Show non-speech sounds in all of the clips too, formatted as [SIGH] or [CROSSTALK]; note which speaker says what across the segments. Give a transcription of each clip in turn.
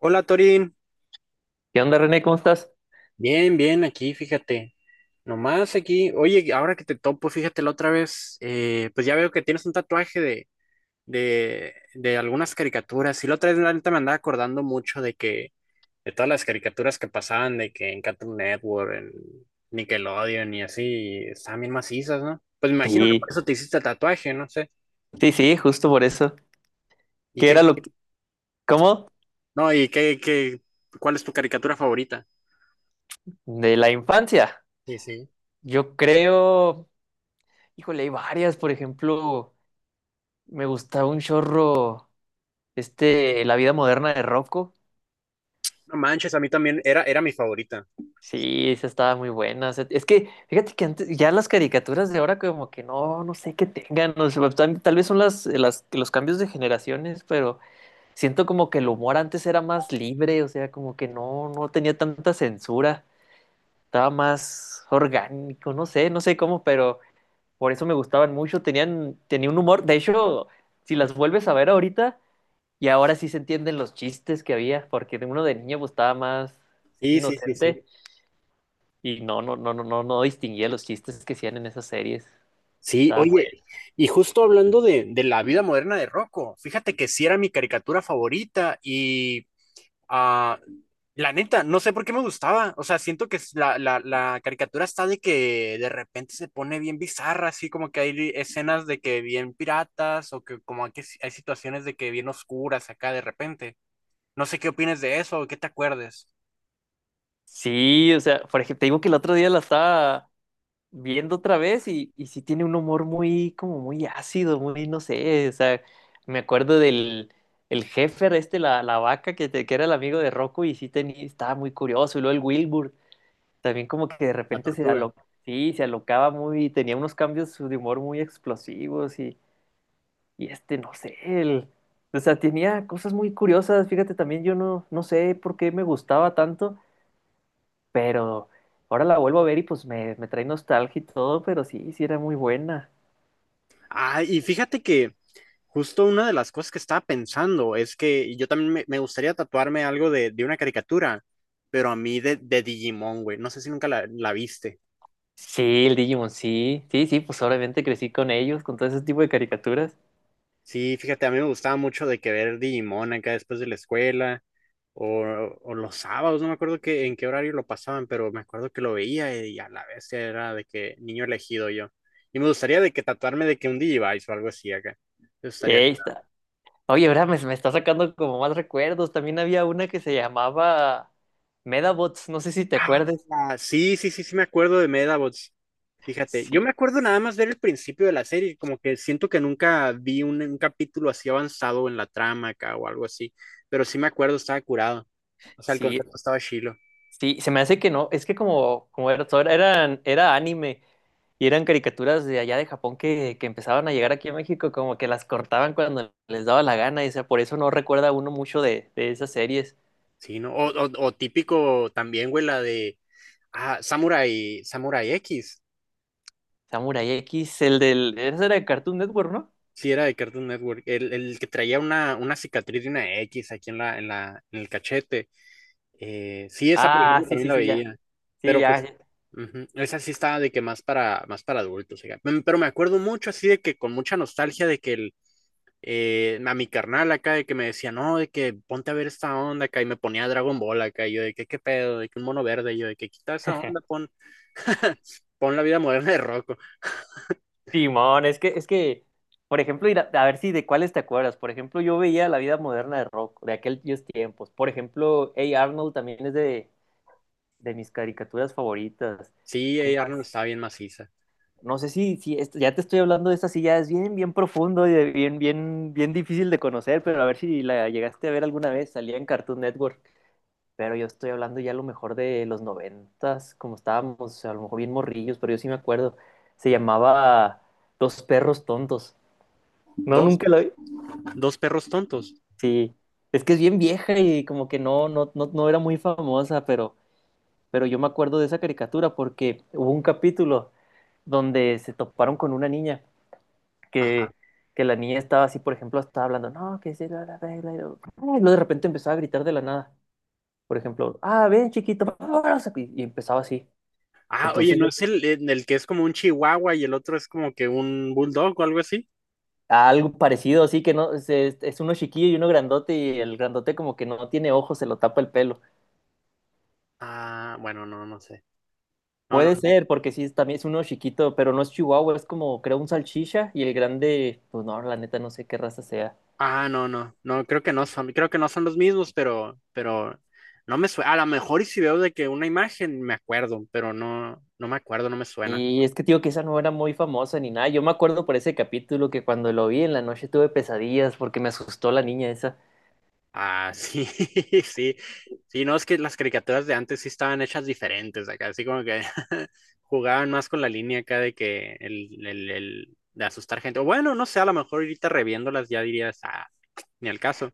Speaker 1: Hola Torín,
Speaker 2: ¿Qué onda, René? ¿Cómo estás?
Speaker 1: bien, bien, aquí, fíjate, nomás aquí, oye, ahora que te topo, fíjate la otra vez, pues ya veo que tienes un tatuaje de algunas caricaturas, y la otra vez la neta me andaba acordando mucho de que, de todas las caricaturas que pasaban, de que en Cartoon Network, en Nickelodeon y así, y estaban bien macizas, ¿no? Pues me imagino que por
Speaker 2: Sí,
Speaker 1: eso te hiciste el tatuaje, no sé,
Speaker 2: sí, justo por eso.
Speaker 1: y
Speaker 2: ¿Qué era
Speaker 1: qué,
Speaker 2: lo que... ¿Cómo?
Speaker 1: no, y qué, ¿cuál es tu caricatura favorita?
Speaker 2: De la infancia.
Speaker 1: Sí, sí.
Speaker 2: Yo creo... Híjole, hay varias. Por ejemplo, me gustaba un chorro, La vida moderna de Rocco.
Speaker 1: No manches, a mí también era mi favorita.
Speaker 2: Sí, esa estaba muy buena. O sea, es que, fíjate que antes, ya las caricaturas de ahora como que no sé qué tengan. O sea, tal vez son los cambios de generaciones, pero siento como que el humor antes era más libre, o sea, como que no tenía tanta censura. Estaba más orgánico, no sé cómo, pero por eso me gustaban mucho, tenía un humor, de hecho, si las vuelves a ver ahorita, y ahora sí se entienden los chistes que había, porque de uno de niño pues, estaba más
Speaker 1: Sí, sí, sí, sí.
Speaker 2: inocente y no distinguía los chistes que hacían en esas series.
Speaker 1: Sí,
Speaker 2: Estaban
Speaker 1: oye,
Speaker 2: buenos.
Speaker 1: y justo hablando de la vida moderna de Rocco, fíjate que sí era mi caricatura favorita y ah, la neta, no sé por qué me gustaba, o sea, siento que es la caricatura está de que de repente se pone bien bizarra, así como que hay escenas de que bien piratas o que como que hay situaciones de que bien oscuras acá de repente. No sé qué opines de eso o qué te acuerdes.
Speaker 2: Sí, o sea, por ejemplo, te digo que el otro día la estaba viendo otra vez y sí tiene un humor muy, como muy ácido, muy, no sé, o sea, me acuerdo del el Heifer, la vaca que era el amigo de Rocco y sí tenía, estaba muy curioso, y luego el Wilbur, también como que de
Speaker 1: La
Speaker 2: repente
Speaker 1: tortuga.
Speaker 2: sí, se alocaba muy, tenía unos cambios de humor muy explosivos y este, no sé, o sea, tenía cosas muy curiosas, fíjate, también yo no sé por qué me gustaba tanto, pero ahora la vuelvo a ver y pues me trae nostalgia y todo, pero sí, sí era muy buena.
Speaker 1: Ah, y fíjate que justo una de las cosas que estaba pensando es que yo también me gustaría tatuarme algo de una caricatura, pero a mí de Digimon, güey. No sé si nunca la viste.
Speaker 2: Sí, el Digimon, sí, sí, sí, pues obviamente crecí con ellos, con todo ese tipo de caricaturas.
Speaker 1: Sí, fíjate, a mí me gustaba mucho de que ver Digimon acá después de la escuela o, o los sábados, no me acuerdo que, en qué horario lo pasaban, pero me acuerdo que lo veía y a la vez era de que niño elegido yo. Y me gustaría de que tatuarme de que un Digivice o algo así acá. Me gustaría.
Speaker 2: Ahí está. Oye, ahora me está sacando como más recuerdos. También había una que se llamaba Medabots, no sé si te acuerdas.
Speaker 1: Ah, sí, sí, sí, sí me acuerdo de Medabots. Fíjate, yo me
Speaker 2: Sí,
Speaker 1: acuerdo nada más ver el principio de la serie, como que siento que nunca vi un capítulo así avanzado en la trama acá o algo así, pero sí me acuerdo, estaba curado. O sea, el
Speaker 2: sí.
Speaker 1: concepto estaba chilo.
Speaker 2: Sí, se me hace que no, es que como, como era, era anime y eran caricaturas de allá de Japón que empezaban a llegar aquí a México, como que las cortaban cuando les daba la gana, y o sea, por eso no recuerda uno mucho de esas series.
Speaker 1: Sí, ¿no? O típico también, güey, la de ah, Samurai X.
Speaker 2: Samurai X, el del, ese era de Cartoon Network, ¿no?
Speaker 1: Sí, era de Cartoon Network. El que traía una cicatriz de una X aquí en la, en la, en el cachete. Sí, esa, por
Speaker 2: Ah,
Speaker 1: ejemplo,
Speaker 2: sí,
Speaker 1: también
Speaker 2: sí,
Speaker 1: la
Speaker 2: sí, ya,
Speaker 1: veía.
Speaker 2: sí,
Speaker 1: Pero
Speaker 2: ya,
Speaker 1: pues,
Speaker 2: ya.
Speaker 1: ujú, esa sí estaba de que más para, más para adultos, oiga. Pero me acuerdo mucho así de que con mucha nostalgia de que el, a mi carnal acá de que me decía, no, de que ponte a ver esta onda acá y me ponía Dragon Ball acá. Y yo de que, ¿qué pedo? De que un mono verde. Y yo de que quita esa onda,
Speaker 2: [LAUGHS]
Speaker 1: pon, [LAUGHS] pon la vida moderna de Rocco.
Speaker 2: Simón, por ejemplo, ir a ver si de cuáles te acuerdas. Por ejemplo, yo veía La vida moderna de Rock, de aquellos tiempos. Por ejemplo, Hey Arnold también es de mis caricaturas favoritas.
Speaker 1: Sí,
Speaker 2: ¿Qué
Speaker 1: Arnold
Speaker 2: más?
Speaker 1: estaba bien maciza.
Speaker 2: No sé si ya te estoy hablando de esta, sí, ya es bien, bien profundo y bien, bien, bien difícil de conocer, pero a ver si la llegaste a ver alguna vez, salía en Cartoon Network. Pero yo estoy hablando ya a lo mejor de los noventas, como estábamos, a lo mejor bien morrillos, pero yo sí me acuerdo. Se llamaba Los perros tontos. No,
Speaker 1: Dos,
Speaker 2: nunca lo vi.
Speaker 1: dos perros tontos.
Speaker 2: Sí. Es que es bien vieja y como que no era muy famosa, pero yo me acuerdo de esa caricatura porque hubo un capítulo donde se toparon con una niña
Speaker 1: Ajá.
Speaker 2: que, que la niña estaba así, por ejemplo, estaba hablando, no, que sí, la regla, y luego ay, luego de repente empezaba a gritar de la nada, por ejemplo, ah, ven chiquito, vámonos", y empezaba así.
Speaker 1: Ah, oye,
Speaker 2: Entonces yo,
Speaker 1: ¿no es el, el que es como un chihuahua y el otro es como que un bulldog o algo así?
Speaker 2: algo parecido, así que no, se- es uno chiquillo y uno grandote, y el grandote como que no tiene ojos, se lo tapa el pelo.
Speaker 1: Ah, bueno, no, no sé. No, no.
Speaker 2: Puede ser, porque también es uno chiquito, pero no es chihuahua, es como, creo, un salchicha, y el grande, pues no, la neta no sé qué raza sea.
Speaker 1: Ah, no, no. No, creo que no son, creo que no son los mismos, pero no me suena. A lo mejor y si veo de que una imagen me acuerdo, pero no, no me acuerdo, no me suena.
Speaker 2: Sí, es que te digo que esa no era muy famosa ni nada. Yo me acuerdo por ese capítulo que cuando lo vi en la noche tuve pesadillas porque me asustó la niña esa.
Speaker 1: Ah, sí, [LAUGHS] sí. Sí, no, es que las caricaturas de antes sí estaban hechas diferentes acá, así como que [LAUGHS] jugaban más con la línea acá de que el, el de asustar gente. O bueno, no sé, a lo mejor ahorita reviéndolas ya dirías, ah, ni al caso.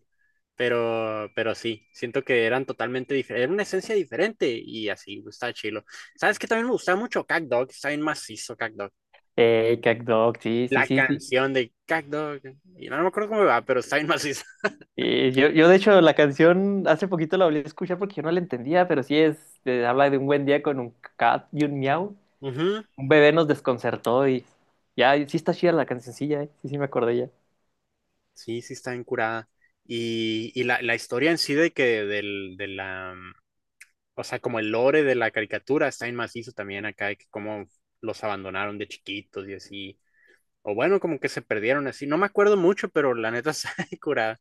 Speaker 1: Pero sí, siento que eran totalmente diferentes, era una esencia diferente y así, está chilo. ¿Sabes qué también me gustaba mucho? CatDog, está bien macizo CatDog.
Speaker 2: Cat dog sí, sí,
Speaker 1: La
Speaker 2: sí, sí.
Speaker 1: canción de CatDog, y no, no me acuerdo cómo va, pero está bien macizo.
Speaker 2: Y yo de hecho la canción hace poquito la volví a escuchar porque yo no la entendía, pero sí es, habla de un buen día con un cat y un miau.
Speaker 1: [LAUGHS] Ujú.
Speaker 2: Un bebé nos desconcertó y ya, y sí está chida la cancioncilla, eh. Sí, sí me acordé ya.
Speaker 1: Sí, sí, está bien curada. Y la historia en sí de que del, de la, mm, o sea, como el lore de la caricatura está bien macizo también acá, de que cómo los abandonaron de chiquitos y así. O bueno, como que se perdieron así. No me acuerdo mucho, pero la neta [LAUGHS] está bien curada.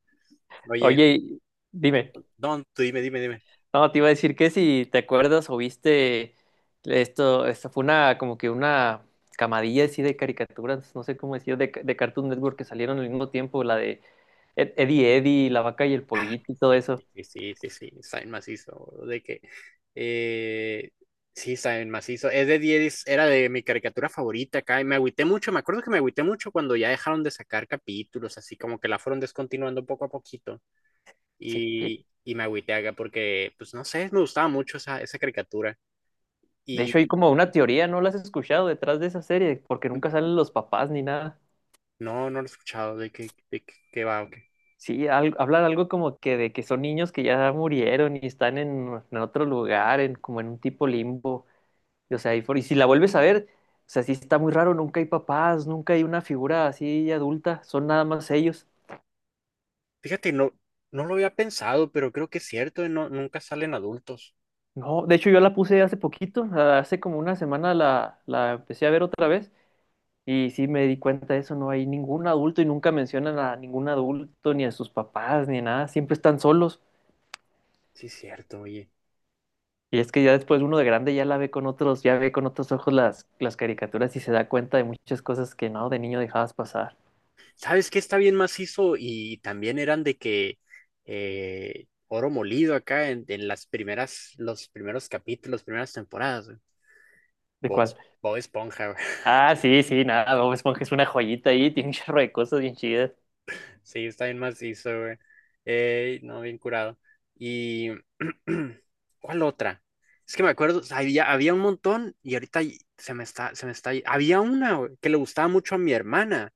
Speaker 1: Oye.
Speaker 2: Oye, y- dime.
Speaker 1: No, tú dime, dime, dime.
Speaker 2: No, te iba a decir que si te acuerdas o viste esto fue una como que una camadilla así de caricaturas, no sé cómo decir, de Cartoon Network que salieron al mismo tiempo, la de Eddie Eddie, La Vaca y el Pollito y todo
Speaker 1: Sí,
Speaker 2: eso.
Speaker 1: sí, sí, sí, sí, saben macizo, boludo, de que, eh, sí, saben macizo, es de 10, era de mi caricatura favorita acá, y me agüité mucho, me acuerdo que me agüité mucho cuando ya dejaron de sacar capítulos, así como que la fueron descontinuando poco a poquito,
Speaker 2: Sí,
Speaker 1: y me agüité acá porque, pues, no sé, me gustaba mucho esa caricatura,
Speaker 2: de hecho
Speaker 1: y
Speaker 2: hay como una teoría, ¿no la has escuchado detrás de esa serie? Porque nunca salen los papás ni nada.
Speaker 1: no, no lo he escuchado, de que va, ok.
Speaker 2: Sí, hablan algo como que de que son niños que ya murieron y están en otro lugar, en, como en un tipo limbo. Y si la vuelves a ver, o sea, sí está muy raro, nunca hay papás, nunca hay una figura así adulta, son nada más ellos.
Speaker 1: Fíjate, no, no lo había pensado, pero creo que es cierto, no, nunca salen adultos,
Speaker 2: No, de hecho yo la puse hace poquito, hace como una semana la empecé a ver otra vez y sí me di cuenta de eso, no hay ningún adulto y nunca mencionan a ningún adulto, ni a sus papás, ni nada, siempre están solos.
Speaker 1: sí, es cierto, oye.
Speaker 2: Y es que ya después uno de grande ya la ve con otros, ya ve con otros ojos las caricaturas y se da cuenta de muchas cosas que no, de niño dejabas pasar.
Speaker 1: ¿Sabes qué está bien macizo? Y también eran de que oro molido acá en las primeras, los primeros capítulos, primeras temporadas, güey.
Speaker 2: ¿De cuál?
Speaker 1: Bob Esponja, güey. [LAUGHS]
Speaker 2: Ah, sí, sí, nada, Bob Esponja es una joyita ahí, [LAUGHS] tiene un chorro de cosas bien chidas.
Speaker 1: Sí, está bien macizo, güey. No, bien curado. Y [CLEARS THROAT] ¿cuál otra? Es que me acuerdo, o sea, había un montón y ahorita y- se me está. Había una, güey, que le gustaba mucho a mi hermana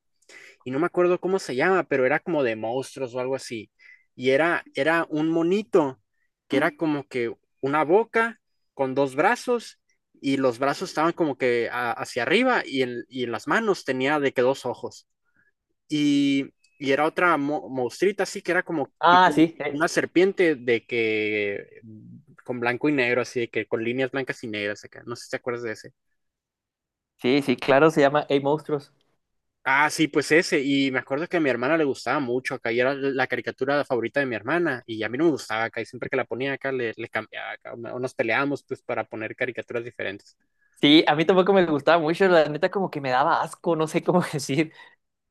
Speaker 1: y no me acuerdo cómo se llama, pero era como de monstruos o algo así. Y era un monito que era como que una boca con dos brazos y los brazos estaban como que a- hacia arriba y en las manos tenía de que dos ojos. Y, y era otra mo- monstruita así que era como
Speaker 2: Ah,
Speaker 1: tipo
Speaker 2: sí,
Speaker 1: una serpiente de que mm, con blanco y negro, así de que con líneas blancas y negras acá. No sé si te acuerdas de ese.
Speaker 2: sí, sí, claro, se llama Hey Monstruos.
Speaker 1: Ah, sí, pues ese. Y me acuerdo que a mi hermana le gustaba mucho acá y era la caricatura favorita de mi hermana. Y a mí no me gustaba acá y siempre que la ponía acá le, le cambiaba acá, o nos peleábamos pues para poner caricaturas diferentes.
Speaker 2: Sí, a mí tampoco me gustaba mucho, la neta como que me daba asco, no sé cómo [LAUGHS] decir.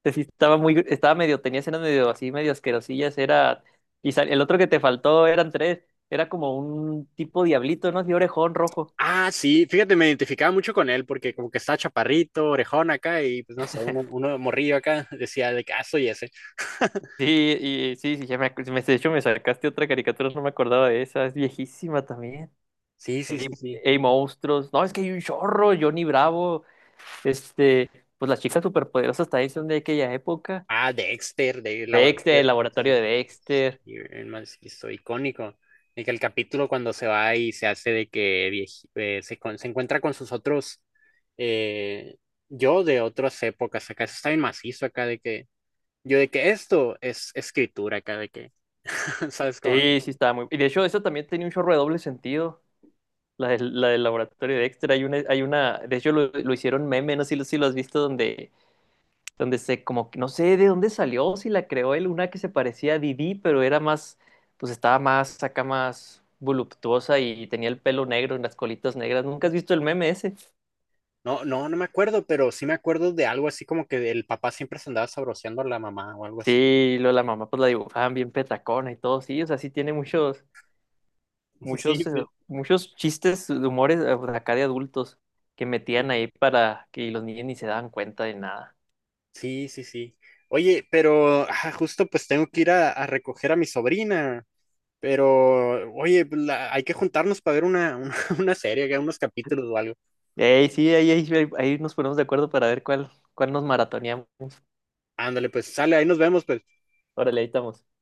Speaker 2: Sí, estaba muy, estaba medio, tenía escenas medio así, medio asquerosillas, era... Y el otro que te faltó eran tres, era como un tipo diablito, ¿no? Así orejón rojo.
Speaker 1: Ah, sí, fíjate, me identificaba mucho con él porque como que estaba chaparrito, orejón acá y pues no sé, uno, uno morrillo acá [LAUGHS] decía de que, "Ah, soy ese". [LAUGHS]
Speaker 2: Sí, de hecho me sacaste otra caricatura, no me acordaba de esa, es viejísima también.
Speaker 1: Sí, sí,
Speaker 2: Ey,
Speaker 1: sí, sí.
Speaker 2: Ey, monstruos. No, es que hay un chorro, Johnny Bravo. Este, pues las chicas superpoderosas también son de aquella época.
Speaker 1: Ah, Dexter, de
Speaker 2: Dexter, el
Speaker 1: Laboratorio de
Speaker 2: laboratorio de
Speaker 1: Dexter.
Speaker 2: Dexter.
Speaker 1: Y el más hizo icónico. De que el capítulo cuando se va y se hace de que vieji- se, con- se encuentra con sus otros eh, yo de otras épocas acá. Eso está bien macizo acá de que yo de que esto es escritura acá de que, [LAUGHS] ¿sabes cómo?
Speaker 2: Sí, sí, estaba muy. Y de hecho, eso también tenía un chorro de doble sentido. La del laboratorio de Dexter. Hay una. De hecho, lo hicieron meme, no sé si lo has visto, donde, donde se, como que no sé de dónde salió, si la creó él, una que se parecía a Didi, pero era más, pues estaba más, acá más voluptuosa y tenía el pelo negro y las colitas negras. ¿Nunca has visto el meme ese?
Speaker 1: No, no, no me acuerdo, pero sí me acuerdo de algo así como que el papá siempre se andaba sabroseando a la mamá o algo así.
Speaker 2: Sí, lo de la mamá pues la dibujaban bien petacona y todo, sí, o sea, sí tiene
Speaker 1: [LAUGHS] Sí,
Speaker 2: muchos, eh, muchos chistes, de humores pues, acá de adultos que
Speaker 1: sí.
Speaker 2: metían ahí para que los niños ni se daban cuenta de nada.
Speaker 1: Sí, sí, sí. Oye, pero ah, justo pues tengo que ir a recoger a mi sobrina. Pero, oye, pues, la- hay que juntarnos para ver [LAUGHS] una serie, que unos capítulos o algo.
Speaker 2: Ey, sí, ahí nos ponemos de acuerdo para ver cuál nos maratoneamos.
Speaker 1: Ándale, pues sale, ahí nos vemos, pues.
Speaker 2: Órale, ahí estamos.